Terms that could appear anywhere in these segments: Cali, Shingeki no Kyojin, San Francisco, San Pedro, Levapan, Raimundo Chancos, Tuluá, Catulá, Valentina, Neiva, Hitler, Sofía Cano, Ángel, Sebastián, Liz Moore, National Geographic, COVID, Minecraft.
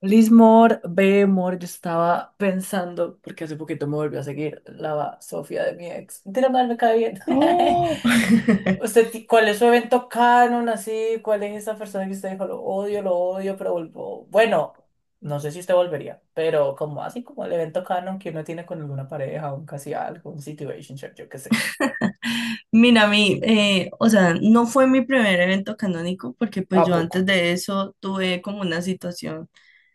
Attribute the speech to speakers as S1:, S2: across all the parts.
S1: Liz Moore, B. Moore, yo estaba pensando, porque hace poquito me volvió a seguir la Sofía de mi ex. Mentira, mal me cae bien.
S2: Oh,
S1: ¿Usted, cuál es su evento canon así? ¿Cuál es esa persona que usted dijo, lo odio, pero vuelvo? Bueno, no sé si usted volvería, pero como así como el evento canon que uno tiene con alguna pareja, un casi algo, un situationship, yo qué sé.
S2: mira, a mí, o sea, no fue mi primer evento canónico porque
S1: ¿A
S2: pues yo
S1: poco?
S2: antes de eso tuve como una situación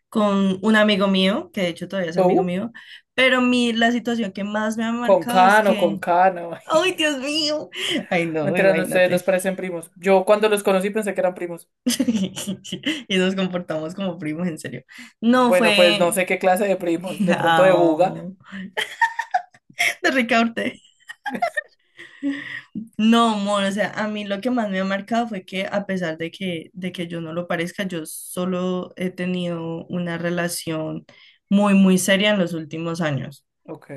S2: con un amigo mío, que de hecho todavía es amigo
S1: ¿Tú?
S2: mío, pero la situación que más me ha
S1: Con
S2: marcado es
S1: Cano,
S2: que,
S1: con Cano.
S2: ¡ay, Dios mío! Ay, no,
S1: Mentira, no, ustedes dos
S2: imagínate.
S1: parecen primos. Yo cuando los conocí pensé que eran primos.
S2: Y nos comportamos como primos, en serio. No
S1: Bueno, pues no
S2: fue...
S1: sé qué clase de primos, de pronto de buga.
S2: Au, de Ricaurte. No, amor, o sea, a mí lo que más me ha marcado fue que a pesar de que, yo no lo parezca, yo solo he tenido una relación muy, muy seria en los últimos años.
S1: Ok.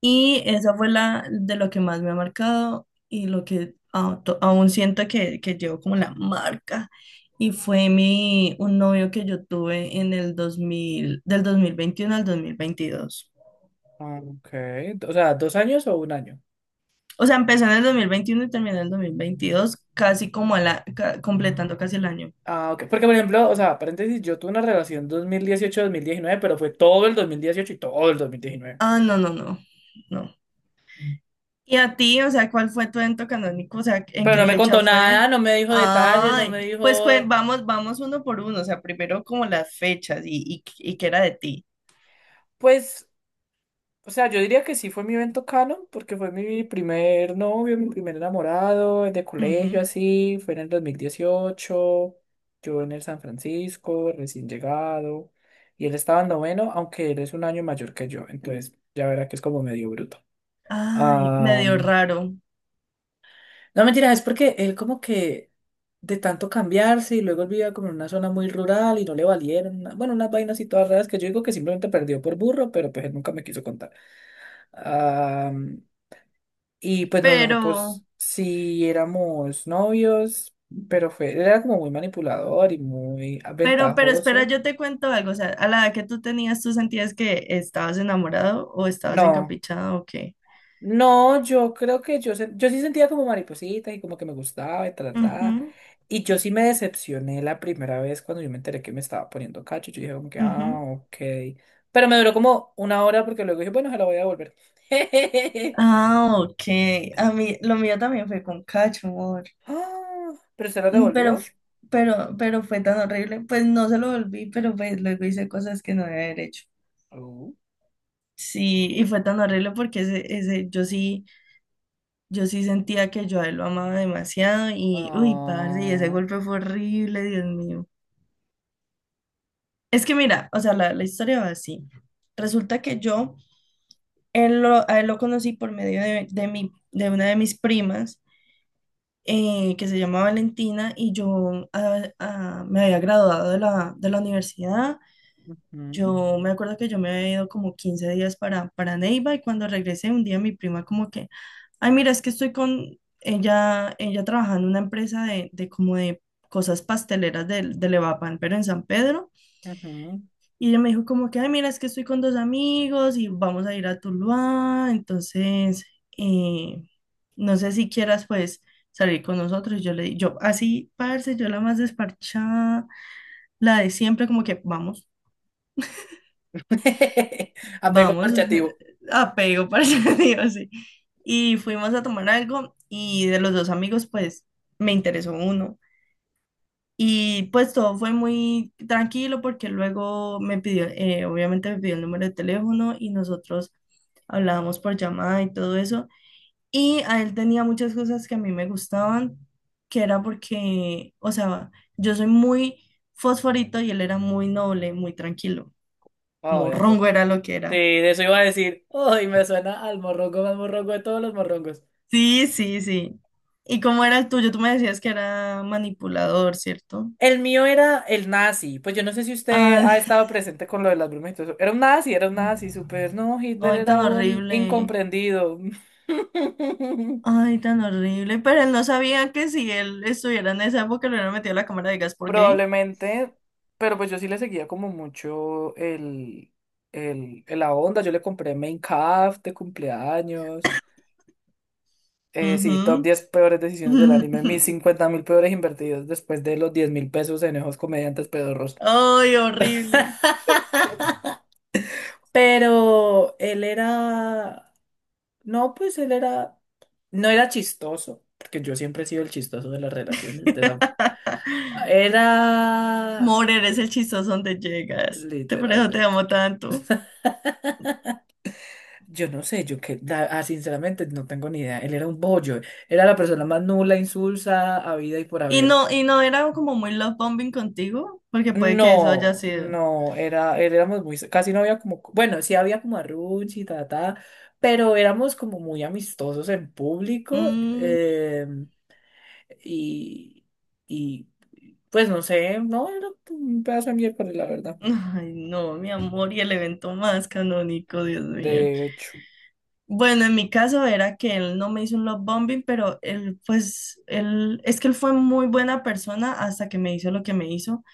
S2: Y esa fue la de lo que más me ha marcado y lo que aún siento que llevo como la marca. Y fue un novio que yo tuve en el 2021 al 2022.
S1: Ok. O sea, ¿dos años o un año?
S2: O sea, empecé en el 2021 y terminé en el 2022 casi como completando casi el año.
S1: Ah, ok. Porque, por ejemplo, o sea, paréntesis, yo tuve una relación dos mil dieciocho mil diecinueve, pero fue todo el 2018 y todo el 2019.
S2: Ah, no, no, no, no. ¿Y a ti? O sea, ¿cuál fue tu evento canónico? O sea, ¿en
S1: Pero
S2: qué
S1: no me
S2: fecha
S1: contó
S2: fue?
S1: nada, no me dijo detalles, no me
S2: Ay, pues
S1: dijo,
S2: vamos, vamos uno por uno. O sea, primero como las fechas y qué era de ti.
S1: pues. O sea, yo diría que sí fue mi evento canon, porque fue mi primer novio, mi primer enamorado, de colegio,
S2: Ujú.
S1: así. Fue en el 2018. Yo en el San Francisco, recién llegado. Y él estaba en noveno, aunque él es un año mayor que yo. Entonces, ya verá que es como medio bruto.
S2: Ay,
S1: Ah,
S2: medio raro.
S1: no, mentira, es porque él como que de tanto cambiarse y luego él vivía como en una zona muy rural y no le valieron, bueno, unas vainas y todas raras que yo digo que simplemente perdió por burro, pero pues él nunca me quiso contar. Ah, y pues no,
S2: Pero,
S1: nosotros sí éramos novios, pero fue, él era como muy manipulador y muy
S2: pero espera,
S1: ventajoso.
S2: yo te cuento algo. O sea, a la edad que tú tenías, ¿tú sentías que estabas enamorado o estabas
S1: No,
S2: encaprichado o qué?
S1: no, yo creo que yo sí sentía como mariposita y como que me gustaba y trataba.
S2: Ujú,
S1: Y yo sí me decepcioné la primera vez cuando yo me enteré que me estaba poniendo cacho. Yo dije como que, ah,
S2: ujú.
S1: ok. Pero me duró como una hora porque luego dije, bueno, se la voy a devolver.
S2: Ah, ok. A mí, lo mío también fue con Cacho.
S1: Ah. ¿Pero se la
S2: Mm, Pero,
S1: devolvió?
S2: f- pero fue tan horrible. Pues no se lo volví, pero pues luego hice cosas que no debía haber hecho.
S1: Oh.
S2: Sí, y fue tan horrible porque yo sí sentía que yo a él lo amaba demasiado y, uy, parce, y ese
S1: Ah,
S2: golpe fue horrible, Dios mío. Es que mira, o sea, la historia va así. Resulta que a él lo conocí por medio de de una de mis primas, que se llama Valentina, y yo me había graduado de la universidad.
S1: ujú,
S2: Yo me acuerdo que yo me había ido como 15 días para Neiva y cuando regresé un día mi prima como que, ay, mira, es que estoy con ella trabajando en una empresa de cosas pasteleras del de Levapan, pero en San Pedro.
S1: ujú.
S2: Y ella me dijo como que, ay, mira, es que estoy con dos amigos y vamos a ir a Tuluá, entonces, eh, no sé si quieras pues salir con nosotros. Yo así, parce, yo la más desparchada, la de siempre, como que vamos.
S1: Apego
S2: Vamos,
S1: marchativo.
S2: apego, para digo así. Y fuimos a tomar algo y de los dos amigos, pues me interesó uno. Y pues todo fue muy tranquilo porque luego obviamente me pidió el número de teléfono y nosotros hablábamos por llamada y todo eso. Y a él tenía muchas cosas que a mí me gustaban, que era porque, o sea, yo soy muy fosforito y él era muy noble, muy tranquilo.
S1: Ay, ¿a
S2: Morrongo
S1: poco?
S2: era lo que
S1: Sí,
S2: era.
S1: de eso iba a decir. Ay, me suena al morrongo más morrongo de todos los morrongos.
S2: Sí, sí, sí. ¿Y cómo era el tuyo? Tú me decías que era manipulador, ¿cierto?
S1: El mío era el nazi. Pues yo no sé si usted
S2: Ay,
S1: ha estado presente con lo de las brumas y todo eso. Era un nazi, súper. No, Hitler
S2: ay,
S1: era
S2: tan
S1: un
S2: horrible.
S1: incomprendido.
S2: Ay, tan horrible. Pero él no sabía que si él estuviera en esa época lo hubieran metido a la cámara de gas por gay.
S1: Probablemente. Pero pues yo sí le seguía como mucho el, la onda. Yo le compré Minecraft de cumpleaños. Sí, top
S2: Ujú.
S1: 10 peores decisiones del anime. Mis 50.000 peores invertidos después de los 10.000 pesos en esos comediantes pedorros.
S2: Ay, horrible.
S1: Pero él era. No, pues él era. No era chistoso, porque yo siempre he sido el chistoso de las relaciones de esa. Era.
S2: Morer es el chistoso donde llegas. Te por eso te
S1: Literalmente.
S2: amo tanto.
S1: Yo no sé, yo que, sinceramente, no tengo ni idea. Él era un bollo. Era la persona más nula, insulsa, habida y por
S2: Y
S1: haber.
S2: no, y no era como muy love bombing contigo, porque puede que eso haya
S1: No,
S2: sido.
S1: no, era, éramos muy, casi no había como, bueno, sí había como arruchi, ta, ta, pero éramos como muy amistosos en público,
S2: Mm.
S1: y, y pues no sé, no, era un pedazo de miércoles, la verdad,
S2: Ay, no, mi amor, y el evento más canónico, Dios mío.
S1: de hecho.
S2: Bueno, en mi caso era que él no me hizo un love bombing, pero él, pues, él, es que él fue muy buena persona hasta que me hizo lo que me hizo.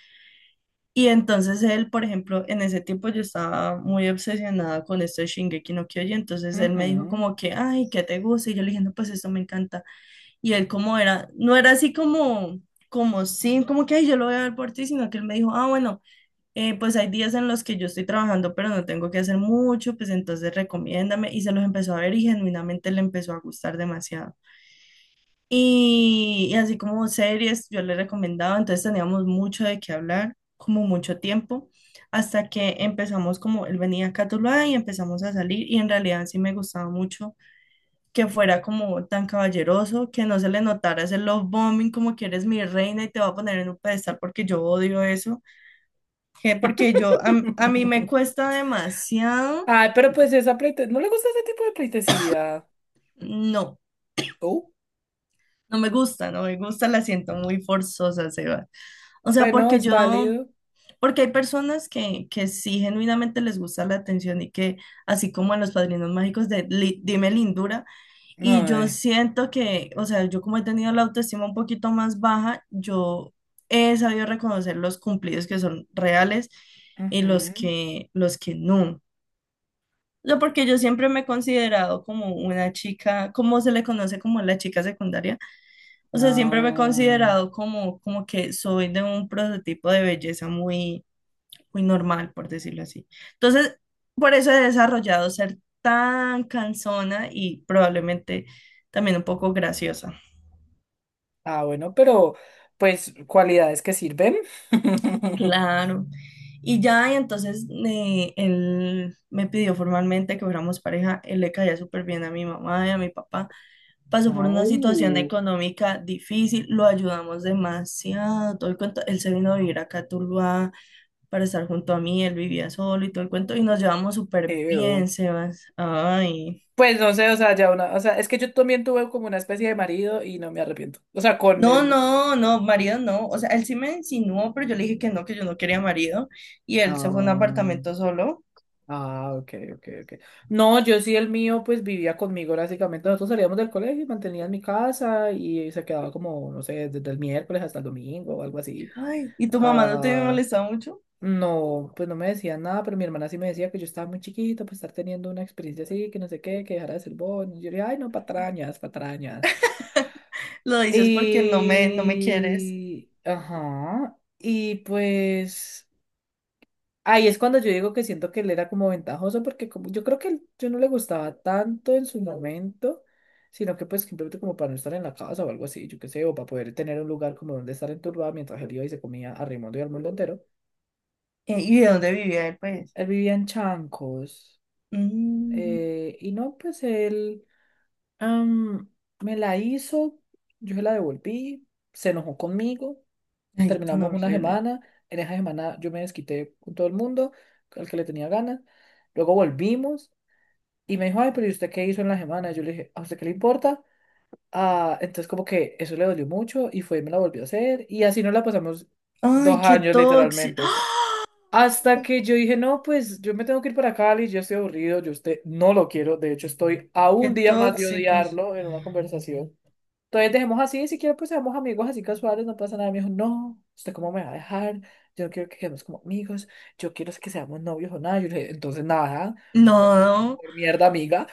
S2: Y entonces él, por ejemplo, en ese tiempo yo estaba muy obsesionada con esto de Shingeki no Kyojin, entonces él me dijo
S1: Ujú.
S2: como que, ay, ¿qué te gusta? Y yo le dije, no, pues esto me encanta. Y él como era, no era así como, como sí, como que, ay, yo lo voy a ver por ti, sino que él me dijo, ah, bueno pues hay días en los que yo estoy trabajando, pero no tengo que hacer mucho, pues entonces recomiéndame. Y se los empezó a ver y genuinamente le empezó a gustar demasiado. Y así como series, yo le recomendaba, entonces teníamos mucho de qué hablar, como mucho tiempo, hasta que empezamos como, él venía a Catulá y empezamos a salir y en realidad sí me gustaba mucho que fuera como tan caballeroso, que no se le notara ese love bombing, como que eres mi reina y te voy a poner en un pedestal porque yo odio eso que porque yo, a mí me cuesta demasiado,
S1: Ay, pero pues esa pleite, ¿no le gusta ese tipo de pleitesía?
S2: no,
S1: Oh,
S2: no me gusta, no me gusta, la siento muy forzosa, Seba. O sea,
S1: bueno,
S2: porque
S1: es
S2: yo,
S1: válido.
S2: porque hay personas que sí genuinamente les gusta la atención y que, así como a los padrinos mágicos de Dime Lindura, y yo
S1: No,
S2: siento que, o sea, yo como he tenido la autoestima un poquito más baja, yo he sabido reconocer los cumplidos que son reales y los
S1: ujú.
S2: que, los que no. Yo porque yo siempre me he considerado como una chica, como se le conoce como la chica secundaria, o sea, siempre me he
S1: No.
S2: considerado como que soy de un prototipo de belleza muy, muy normal, por decirlo así. Entonces, por eso he desarrollado ser tan cansona y probablemente también un poco graciosa.
S1: Ah, bueno, pero pues cualidades que sirven.
S2: Claro. Y ya, y entonces él me pidió formalmente que fuéramos pareja. Él le caía súper bien a mi mamá y a mi papá. Pasó por
S1: Ah,
S2: una situación económica difícil, lo ayudamos demasiado, todo el cuento. Él se vino a vivir acá a Tuluá para estar junto a mí, él vivía solo y todo el cuento, y nos llevamos súper
S1: ew.
S2: bien, Sebas. Ay.
S1: Pues no sé, o sea, ya una, o sea, es que yo también tuve como una especie de marido y no me arrepiento. O sea, con él
S2: No,
S1: mucho.
S2: no, no, marido no. O sea, él sí me insinuó, pero yo le dije que no, que yo no quería marido. Y él se fue a un
S1: Ah,
S2: apartamento solo.
S1: ah, ok, ok, ok. No, yo sí, el mío, pues vivía conmigo básicamente. Nosotros salíamos del colegio y mantenía en mi casa y se quedaba como, no sé, desde el miércoles hasta el domingo o algo así.
S2: Ay, ¿y tu mamá no te
S1: ah
S2: molesta mucho?
S1: No, pues no me decían nada, pero mi hermana sí me decía que yo estaba muy chiquito, pues estar teniendo una experiencia así, que no sé qué, que dejara de ser bon. Y yo le dije, ay, no, patrañas, patrañas.
S2: Lo dices porque no me quieres.
S1: Y. Ajá. Y pues. Ahí es cuando yo digo que siento que él era como ventajoso, porque como, yo creo que yo no le gustaba tanto en su momento, sino que pues simplemente como para no estar en la casa o algo así, yo qué sé, o para poder tener un lugar como donde estar enturbado mientras él iba y se comía a Raimundo y al mundo entero.
S2: ¿Y de dónde vivía él, pues?
S1: Él vivía en Chancos.
S2: Mm,
S1: Y no, pues él am, me la hizo, yo se la devolví, se enojó conmigo,
S2: ay, tan
S1: terminamos una
S2: horrible.
S1: semana, en esa semana yo me desquité con todo el mundo, al que le tenía ganas, luego volvimos y me dijo, ay, pero ¿y usted qué hizo en la semana? Yo le dije, ¿a usted qué le importa? Ah, entonces como que eso le dolió mucho y fue y me la volvió a hacer y así nos la pasamos dos
S2: Ay, qué
S1: años
S2: tóxico.
S1: literalmente. Hasta que yo dije, no, pues yo me tengo que ir para Cali, yo estoy aburrido, yo usted no lo quiero, de hecho estoy a un
S2: Qué
S1: día más de
S2: tóxicos.
S1: odiarlo en una conversación. Entonces dejemos así, si quiero pues seamos amigos así casuales, no pasa nada. Me dijo, no, ¿usted cómo me va a dejar? Yo no quiero que quedemos como amigos, yo quiero es que seamos novios o nada. Yo le dije, entonces nada, pues,
S2: No,
S1: pues, mierda amiga.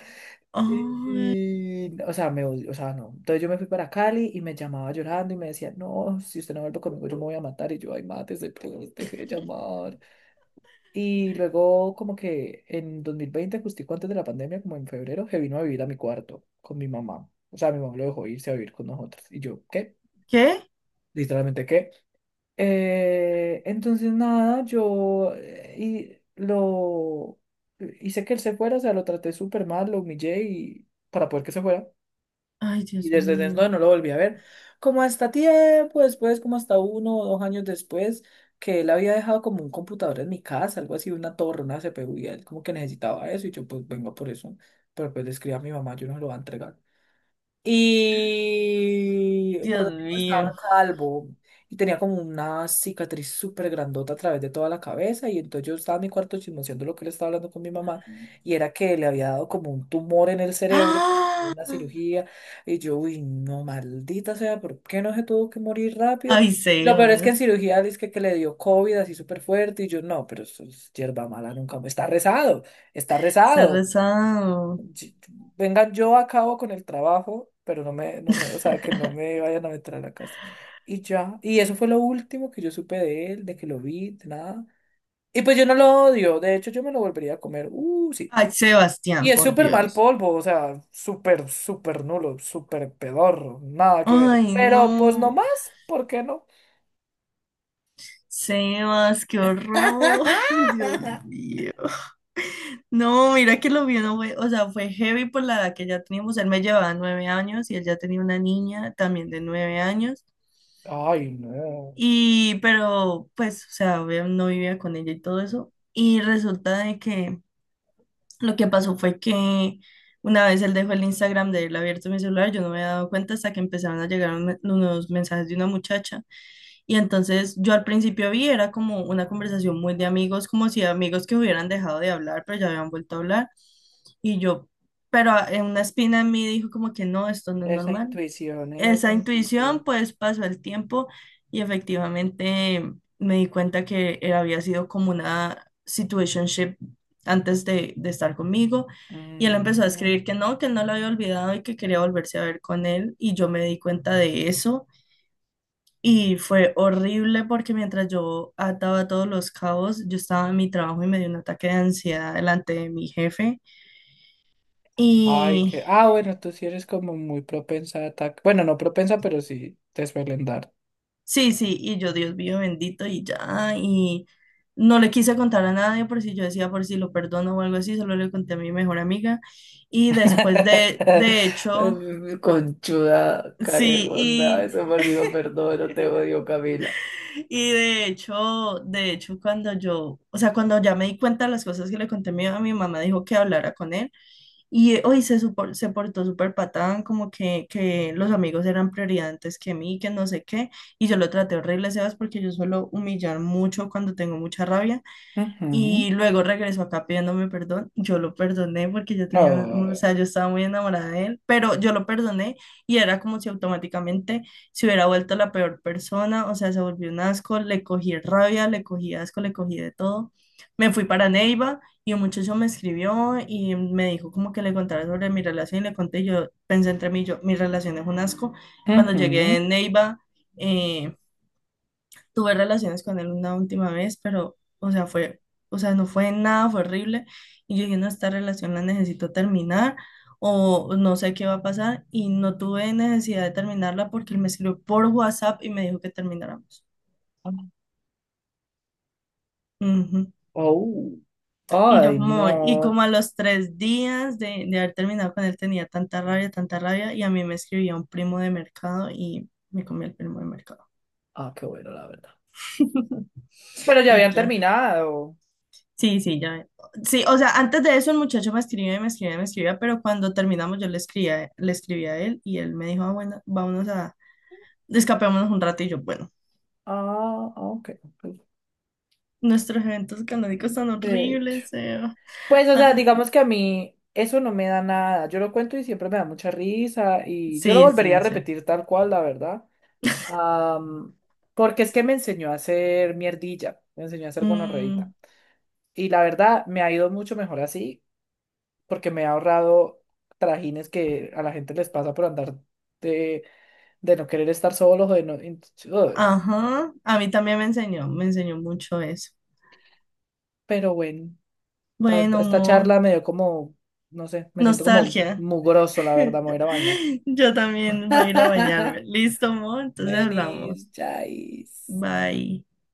S2: ay,
S1: Y, o sea, me odió, o sea, no. Entonces yo me fui para Cali y me llamaba llorando y me decía, no, si usted no vuelve conmigo, yo me voy a matar. Y yo, ay, mate, se deje de llamar. Y luego, como que en 2020 justico antes de la pandemia, como en febrero, se vino a vivir a mi cuarto con mi mamá. O sea, mi mamá lo dejó irse a vivir con nosotros. Y yo, ¿qué?
S2: ¿qué?
S1: Literalmente, ¿qué? Entonces, nada, yo y lo hice que él se fuera, o sea, lo traté súper mal, lo humillé y para poder que se fuera.
S2: Ay,
S1: Y
S2: Dios
S1: desde entonces
S2: mío.
S1: no, no lo volví a ver. Como hasta tiempo después, como hasta 1 o 2 años después, que él había dejado como un computador en mi casa, algo así, una torre, una CPU, y él como que necesitaba eso, y yo pues vengo por eso. Pero pues le escribí a mi mamá, yo no se lo voy a entregar. Y
S2: Dios
S1: cuando el tipo
S2: mío.
S1: estaba calvo y tenía como una cicatriz súper grandota a través de toda la cabeza, y entonces yo estaba en mi cuarto chismoseando lo que le estaba hablando con mi mamá, y era que le había dado como un tumor en el cerebro,
S2: ¡Ah!
S1: una cirugía, y yo, uy, no, maldita sea, ¿por qué no se tuvo que morir rápido?
S2: Ay,
S1: Lo peor es que
S2: Sebas.
S1: en cirugía dice que, le dio COVID así súper fuerte, y yo, no, pero eso es hierba mala, nunca, está rezado, está
S2: Se ha
S1: rezado,
S2: rezado.
S1: sí, venga yo a cabo con el trabajo, pero no me, no me, o sea, que no me vayan a meter a la cárcel. Y ya, y eso fue lo último que yo supe de él, de que lo vi, de nada. Y pues yo no lo odio, de hecho yo me lo volvería a comer, sí.
S2: Ay,
S1: Y
S2: Sebastián,
S1: es
S2: por
S1: súper mal
S2: Dios.
S1: polvo, o sea, súper, súper nulo, súper pedorro, nada que ver.
S2: Ay,
S1: Pero pues no
S2: no.
S1: más, ¿por qué no?
S2: Sebas, qué horror. Dios mío. No, mira que lo vio, no fue- o sea, fue heavy por la edad que ya teníamos. Él me llevaba 9 años y él ya tenía una niña también de 9 años.
S1: Ay, no.
S2: Y, pero, pues, o sea, obvio, no vivía con ella y todo eso. Y resulta de que lo que pasó fue que una vez él dejó el Instagram de él abierto en mi celular, yo no me había dado cuenta hasta que empezaron a llegar unos mensajes de una muchacha. Y entonces yo al principio vi, era como una conversación muy de amigos, como si amigos que hubieran dejado de hablar, pero ya habían vuelto a hablar. Y yo, pero en una espina en mí dijo como que no, esto no es
S1: Esa
S2: normal.
S1: intuición, esa
S2: Esa intuición,
S1: intuición.
S2: pues pasó el tiempo y efectivamente me di cuenta que él había sido como una situationship antes de estar conmigo. Y él empezó a
S1: Mm.
S2: escribir que no, que él no lo había olvidado y que quería volverse a ver con él. Y yo me di cuenta de eso. Y fue horrible porque mientras yo ataba todos los cabos, yo estaba en mi trabajo y me dio un ataque de ansiedad delante de mi jefe.
S1: Ay,
S2: Y
S1: que. Ah, bueno, tú sí eres como muy propensa a ataque. Bueno, no propensa, pero sí te suelen dar.
S2: sí, sí, y yo, Dios mío bendito, y ya, y no le quise contar a nadie por si yo decía por si lo perdono o algo así, solo le conté a mi mejor amiga. Y después de hecho,
S1: Conchuda,
S2: sí,
S1: carebonda,
S2: y,
S1: eso por si lo perdono, te odio, Camila.
S2: y de hecho, cuando yo, o sea, cuando ya me di cuenta de las cosas que le conté a a mi mamá, dijo que hablara con él. Y se portó súper patán, como que los amigos eran prioridad antes que mí, que no sé qué. Y yo lo traté horrible, Sebas, porque yo suelo humillar mucho cuando tengo mucha rabia.
S1: Ujú.
S2: Y luego regresó acá pidiéndome perdón. Yo lo perdoné porque yo tenía, o
S1: No.
S2: sea, yo estaba muy enamorada de él, pero yo lo perdoné y era como si automáticamente se hubiera vuelto la peor persona, o sea, se volvió un asco, le cogí rabia, le cogí asco, le cogí de todo. Me fui para Neiva y un muchacho me escribió y me dijo como que le contara sobre mi relación y le conté, yo pensé entre mí, yo, mi relación es un asco. Cuando llegué
S1: Ujú.
S2: en Neiva, eh, tuve relaciones con él una última vez, pero, o sea, fue, o sea, no fue nada, fue horrible. Y yo dije, no, esta relación la necesito terminar o no sé qué va a pasar. Y no tuve necesidad de terminarla porque él me escribió por WhatsApp y me dijo que termináramos. Ujú.
S1: Oh.
S2: Y yo
S1: Ay,
S2: como, y
S1: no.
S2: como a los 3 días de haber terminado con él tenía tanta rabia, y a mí me escribía un primo de mercado y me comí el primo de mercado.
S1: Ah, qué bueno, la verdad. Pero ya
S2: Y
S1: habían
S2: ya.
S1: terminado.
S2: Sí, sí, ya. Sí, o sea, antes de eso el muchacho me escribía y me escribía y me escribía, pero cuando terminamos yo le escribía, le escribí a él y él me dijo, ah, bueno, vámonos a, escapémonos un rato y yo, bueno,
S1: Ah, ok. Ok.
S2: nuestros eventos canónicos son
S1: De hecho.
S2: horribles, Seba.
S1: Pues, o sea,
S2: Ah,
S1: digamos que a mí eso no me da nada. Yo lo cuento y siempre me da mucha risa y yo lo
S2: sí,
S1: volvería a
S2: sí, sí.
S1: repetir tal cual, la verdad. Am, Porque es que me enseñó a hacer mierdilla, me enseñó a hacer
S2: Mm,
S1: gonorreíta. Y la verdad me ha ido mucho mejor así porque me ha ahorrado trajines que a la gente les pasa por andar de, de no querer estar solos o de no. Uy,
S2: ajá, a mí también me enseñó mucho eso.
S1: pero bueno,
S2: Bueno,
S1: esta
S2: amor,
S1: charla me dio como, no sé, me siento como
S2: nostalgia.
S1: mugroso, la verdad, me voy a ir a bañar.
S2: Yo también voy a ir a bañarme. Listo, amor, entonces
S1: Venis,
S2: hablamos.
S1: Chais.
S2: Bye.